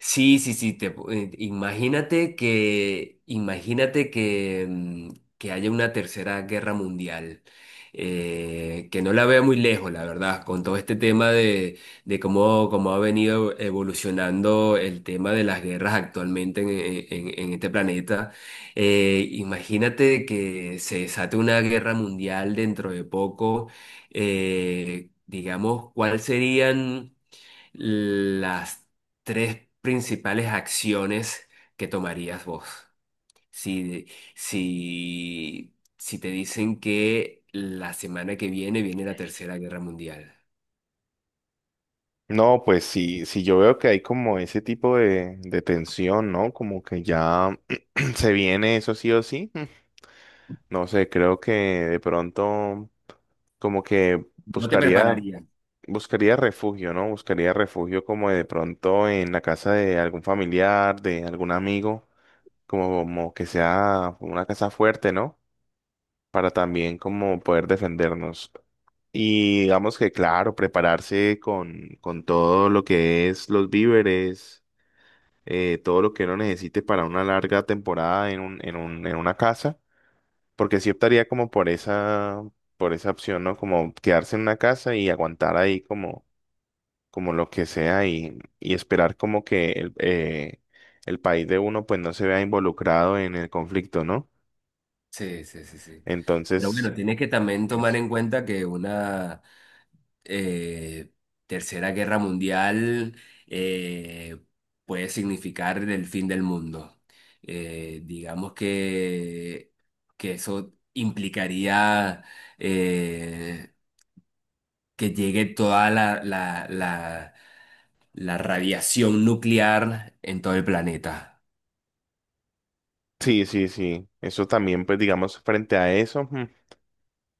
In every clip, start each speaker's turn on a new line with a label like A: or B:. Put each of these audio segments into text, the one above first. A: Sí, sí, sí, te, imagínate que que haya una tercera guerra mundial, que no la veo muy lejos, la verdad, con todo este tema de, cómo, cómo ha venido evolucionando el tema de las guerras actualmente en este planeta. Imagínate que se desate una guerra mundial dentro de poco, digamos, ¿cuáles serían las tres principales acciones que tomarías vos? Si, si te dicen que la semana que viene viene la Tercera Guerra Mundial,
B: No, pues sí, sí yo veo que hay como ese tipo de tensión, ¿no? Como que ya se viene eso sí o sí. No sé, creo que de pronto como que
A: no te
B: buscaría
A: prepararías.
B: buscaría refugio, ¿no? Buscaría refugio como de pronto en la casa de algún familiar, de algún amigo, como que sea una casa fuerte, ¿no? Para también como poder defendernos. Y digamos que, claro, prepararse con todo lo que es los víveres, todo lo que uno necesite para una larga temporada en un, en una casa, porque sí optaría como por esa opción, ¿no? Como quedarse en una casa y aguantar ahí como, como lo que sea y esperar como que el país de uno pues no se vea involucrado en el conflicto, ¿no?
A: Sí, sí, sí, sí. Pero
B: Entonces,
A: bueno, tienes que también tomar
B: es-
A: en cuenta que una... eh, Tercera Guerra Mundial eh, puede significar el fin del mundo. Digamos que eso implicaría, eh, que llegue toda la radiación nuclear en todo el planeta.
B: sí, sí, sí, eso también pues digamos frente a eso.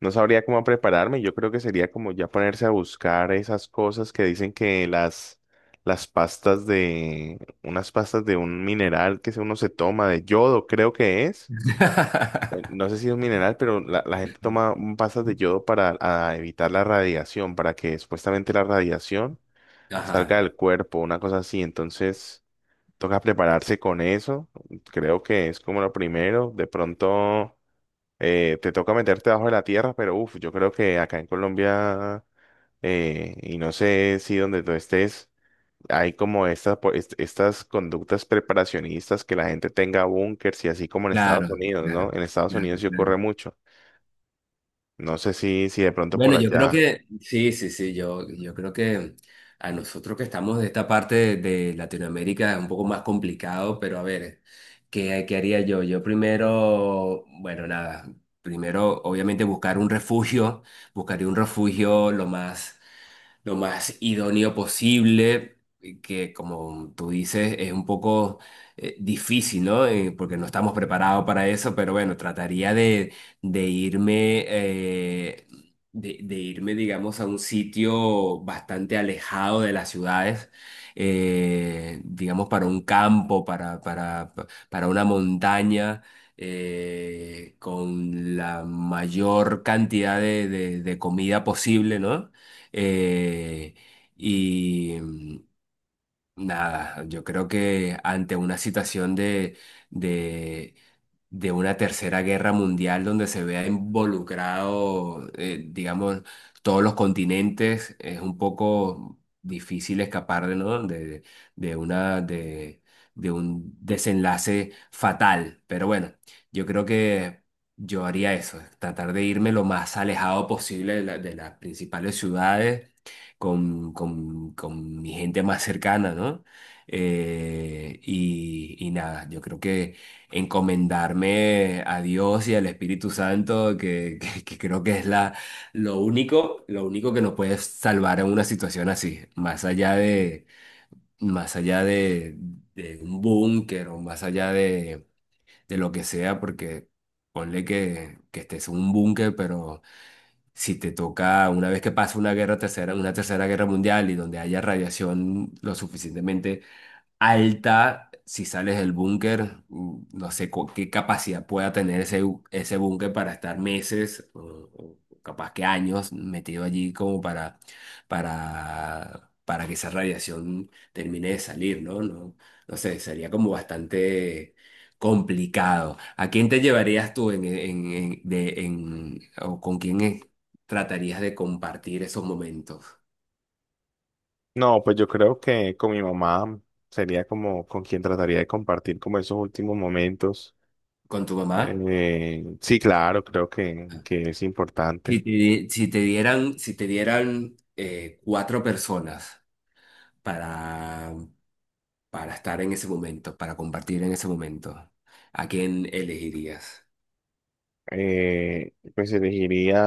B: No sabría cómo prepararme. Yo creo que sería como ya ponerse a buscar esas cosas que dicen que las pastas de, unas pastas de un mineral uno se toma de yodo, creo que es. No sé si es un mineral, pero la gente toma pastas de yodo para a evitar la radiación, para que supuestamente la radiación
A: Ajá,
B: salga del cuerpo, una cosa así. Entonces, toca prepararse con eso. Creo que es como lo primero. De pronto. Te toca meterte debajo de la tierra, pero uff, yo creo que acá en Colombia, y no sé si donde tú estés, hay como estas, estas conductas preparacionistas que la gente tenga búnkers y así como en Estados
A: claro,
B: Unidos, ¿no?
A: claro,
B: En Estados Unidos
A: claro,
B: sí ocurre
A: claro.
B: mucho. No sé si de pronto por
A: Bueno, yo creo
B: allá.
A: que, sí, sí, sí, yo creo que a nosotros que estamos de esta parte de Latinoamérica es un poco más complicado, pero a ver, ¿qué, qué haría yo? Yo primero, bueno, nada, primero obviamente buscar un refugio, buscaría un refugio lo más idóneo posible, que como tú dices, es un poco difícil, ¿no? Porque no estamos preparados para eso, pero bueno, trataría de irme, de irme, digamos, a un sitio bastante alejado de las ciudades. Digamos para un campo, para una montaña, con la mayor cantidad de, de comida posible, ¿no? Eh, y mm, nada, yo creo que ante una situación de, de una tercera guerra mundial donde se vea involucrado, digamos, todos los continentes, es un poco difícil escapar de, ¿no? De una, de, de un desenlace fatal. Pero bueno, yo creo que... Yo haría eso, tratar de irme lo más alejado posible de de las principales ciudades con mi gente más cercana, ¿no? Y, y nada, yo creo que encomendarme a Dios y al Espíritu Santo, que creo que es la, lo único que nos puede salvar en una situación así, más allá de un búnker o más allá de lo que sea, porque ponle que estés en un búnker, pero si te toca, una vez que pasa una guerra tercera, una tercera guerra mundial y donde haya radiación lo suficientemente alta si sales del búnker. No sé qué capacidad pueda tener ese, ese búnker para estar meses o capaz que años metido allí como para, para que esa radiación termine de salir, ¿no? No, no sé, sería como bastante complicado. ¿A quién te llevarías tú o con quién, tratarías de compartir esos momentos?
B: No, pues yo creo que con mi mamá sería como con quien trataría de compartir como esos últimos momentos.
A: ¿Con tu mamá?
B: Sí, claro, creo que es importante.
A: Si te, si te dieran, si te dieran, cuatro personas para, para estar en ese momento, para compartir en ese momento, ¿a quién elegirías?
B: Pues elegiría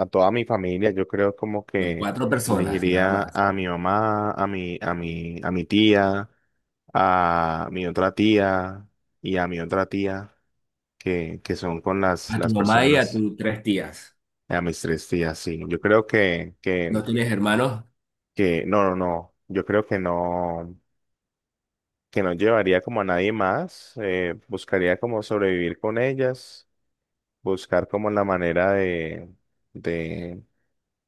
B: a toda mi familia, yo creo como
A: No,
B: que
A: cuatro personas, nada
B: elegiría
A: más.
B: a mi mamá, a mi tía, a mi otra tía y a mi otra tía, que son con
A: A tu
B: las
A: mamá y a
B: personas,
A: tus tres tías.
B: a mis tres tías, sí. Yo creo que,
A: ¿No
B: que,
A: tienes hermanos?
B: que, no, no, no, yo creo que no llevaría como a nadie más, buscaría como sobrevivir con ellas, buscar como la manera de, de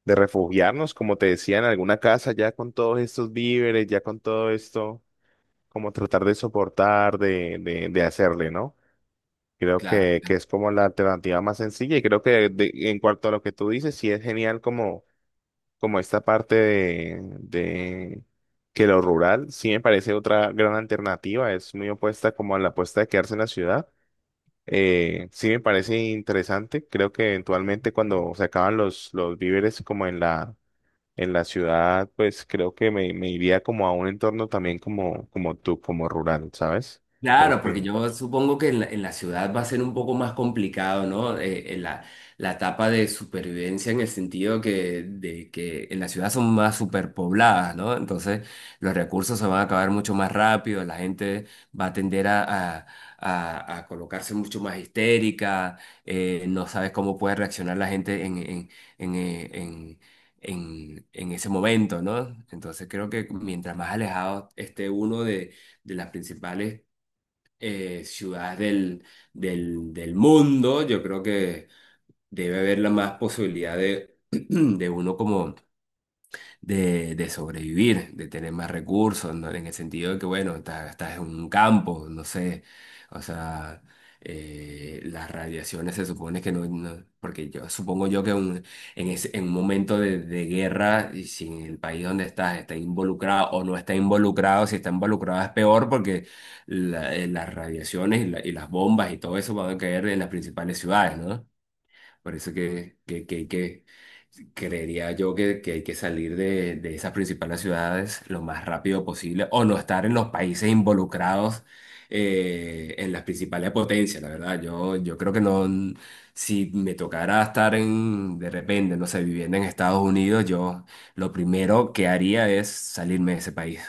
B: de refugiarnos, como te decía, en alguna casa, ya con todos estos víveres, ya con todo esto, como tratar de soportar, de hacerle, ¿no? Creo
A: Claro.
B: que es como la alternativa más sencilla y creo que en cuanto a lo que tú dices, sí es genial como, como esta parte de que lo rural sí me parece otra gran alternativa, es muy opuesta como a la apuesta de quedarse en la ciudad. Sí me parece interesante, creo que eventualmente cuando se acaban los víveres como en la ciudad, pues creo que me iría como a un entorno también como, como tú, como rural, ¿sabes? Creo
A: Claro, porque
B: que...
A: yo supongo que en la ciudad va a ser un poco más complicado, ¿no? La, la etapa de supervivencia en el sentido que, de que en la ciudad son más superpobladas, ¿no? Entonces los recursos se van a acabar mucho más rápido, la gente va a tender a, a- a colocarse mucho más histérica, no sabes cómo puede reaccionar la gente en, eh, en- en ese momento, ¿no? Entonces creo que mientras más alejado esté uno de las principales ciudad del, del mundo, yo creo que debe haber la más posibilidad de, de uno como de sobrevivir, de tener más recursos, ¿no? En el sentido de que, bueno, estás en un campo, no sé, o sea, las radiaciones se supone que no, porque yo supongo yo que en un momento de guerra, y si en el país donde estás está involucrado o no está involucrado, si está involucrado es peor porque las radiaciones y, y las bombas y todo eso van a caer en las principales ciudades, ¿no? Parece que creería yo que hay que salir de esas principales ciudades lo más rápido posible o no estar en los países involucrados en las principales potencias, la verdad. Yo creo que no, si me tocara estar en, de repente, no sé, viviendo en Estados Unidos, yo lo primero que haría es salirme de ese país.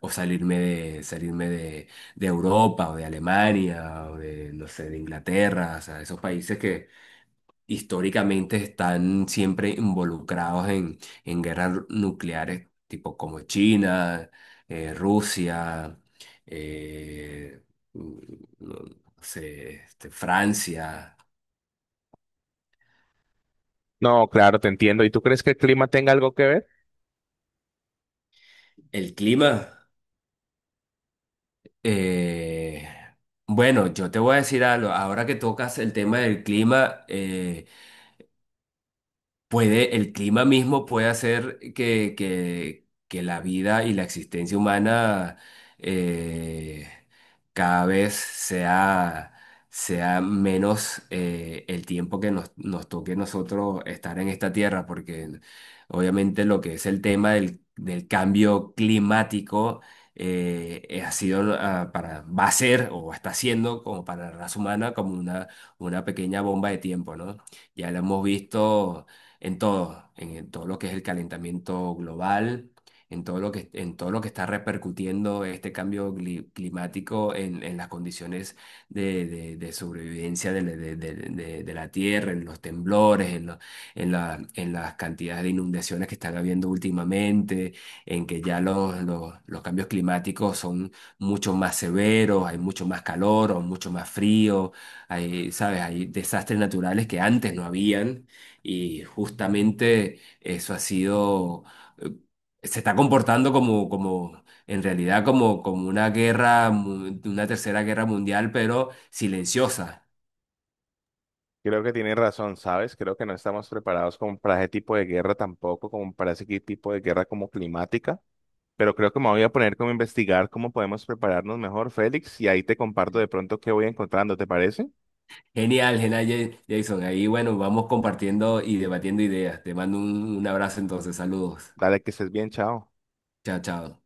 A: O salirme de Europa o de Alemania o de, no sé, de Inglaterra, o sea, esos países que, históricamente están siempre involucrados en guerras nucleares, tipo como China, Rusia, eh, mm, no no sé, este, Francia.
B: No, claro, te entiendo. ¿Y tú crees que el clima tenga algo que ver?
A: El clima. eh, bueno, yo te voy a decir algo. Ahora que tocas el tema del clima, puede, el clima mismo puede hacer que la vida y la existencia humana, eh, cada vez sea, sea menos, el tiempo que nos, nos toque nosotros estar en esta tierra, porque obviamente lo que es el tema del, del cambio climático ha sido, para, va a ser o está siendo como para la raza humana como una pequeña bomba de tiempo, ¿no? Ya lo hemos visto en todo lo que es el calentamiento global, en todo lo que, en todo lo que está repercutiendo este cambio climático en las condiciones de, de sobrevivencia de la tierra, en los temblores, en, en las cantidades de inundaciones que están habiendo últimamente, en que ya los cambios climáticos son mucho más severos, hay mucho más calor o mucho más frío, hay, ¿sabes? Hay desastres naturales que antes no habían y justamente eso ha sido, eh, se está comportando como, como, en realidad como, como una guerra, una tercera guerra mundial, pero silenciosa.
B: Creo que tienes razón, ¿sabes? Creo que no estamos preparados como para ese tipo de guerra tampoco, como para ese tipo de guerra como climática. Pero creo que me voy a poner como a investigar cómo podemos prepararnos mejor, Félix, y ahí te comparto de pronto qué voy encontrando, ¿te parece?
A: Genial, genial, Jason. Ahí, bueno, vamos compartiendo y debatiendo ideas. Te mando un abrazo entonces. Saludos.
B: Dale, que estés bien, chao.
A: Chao, chao.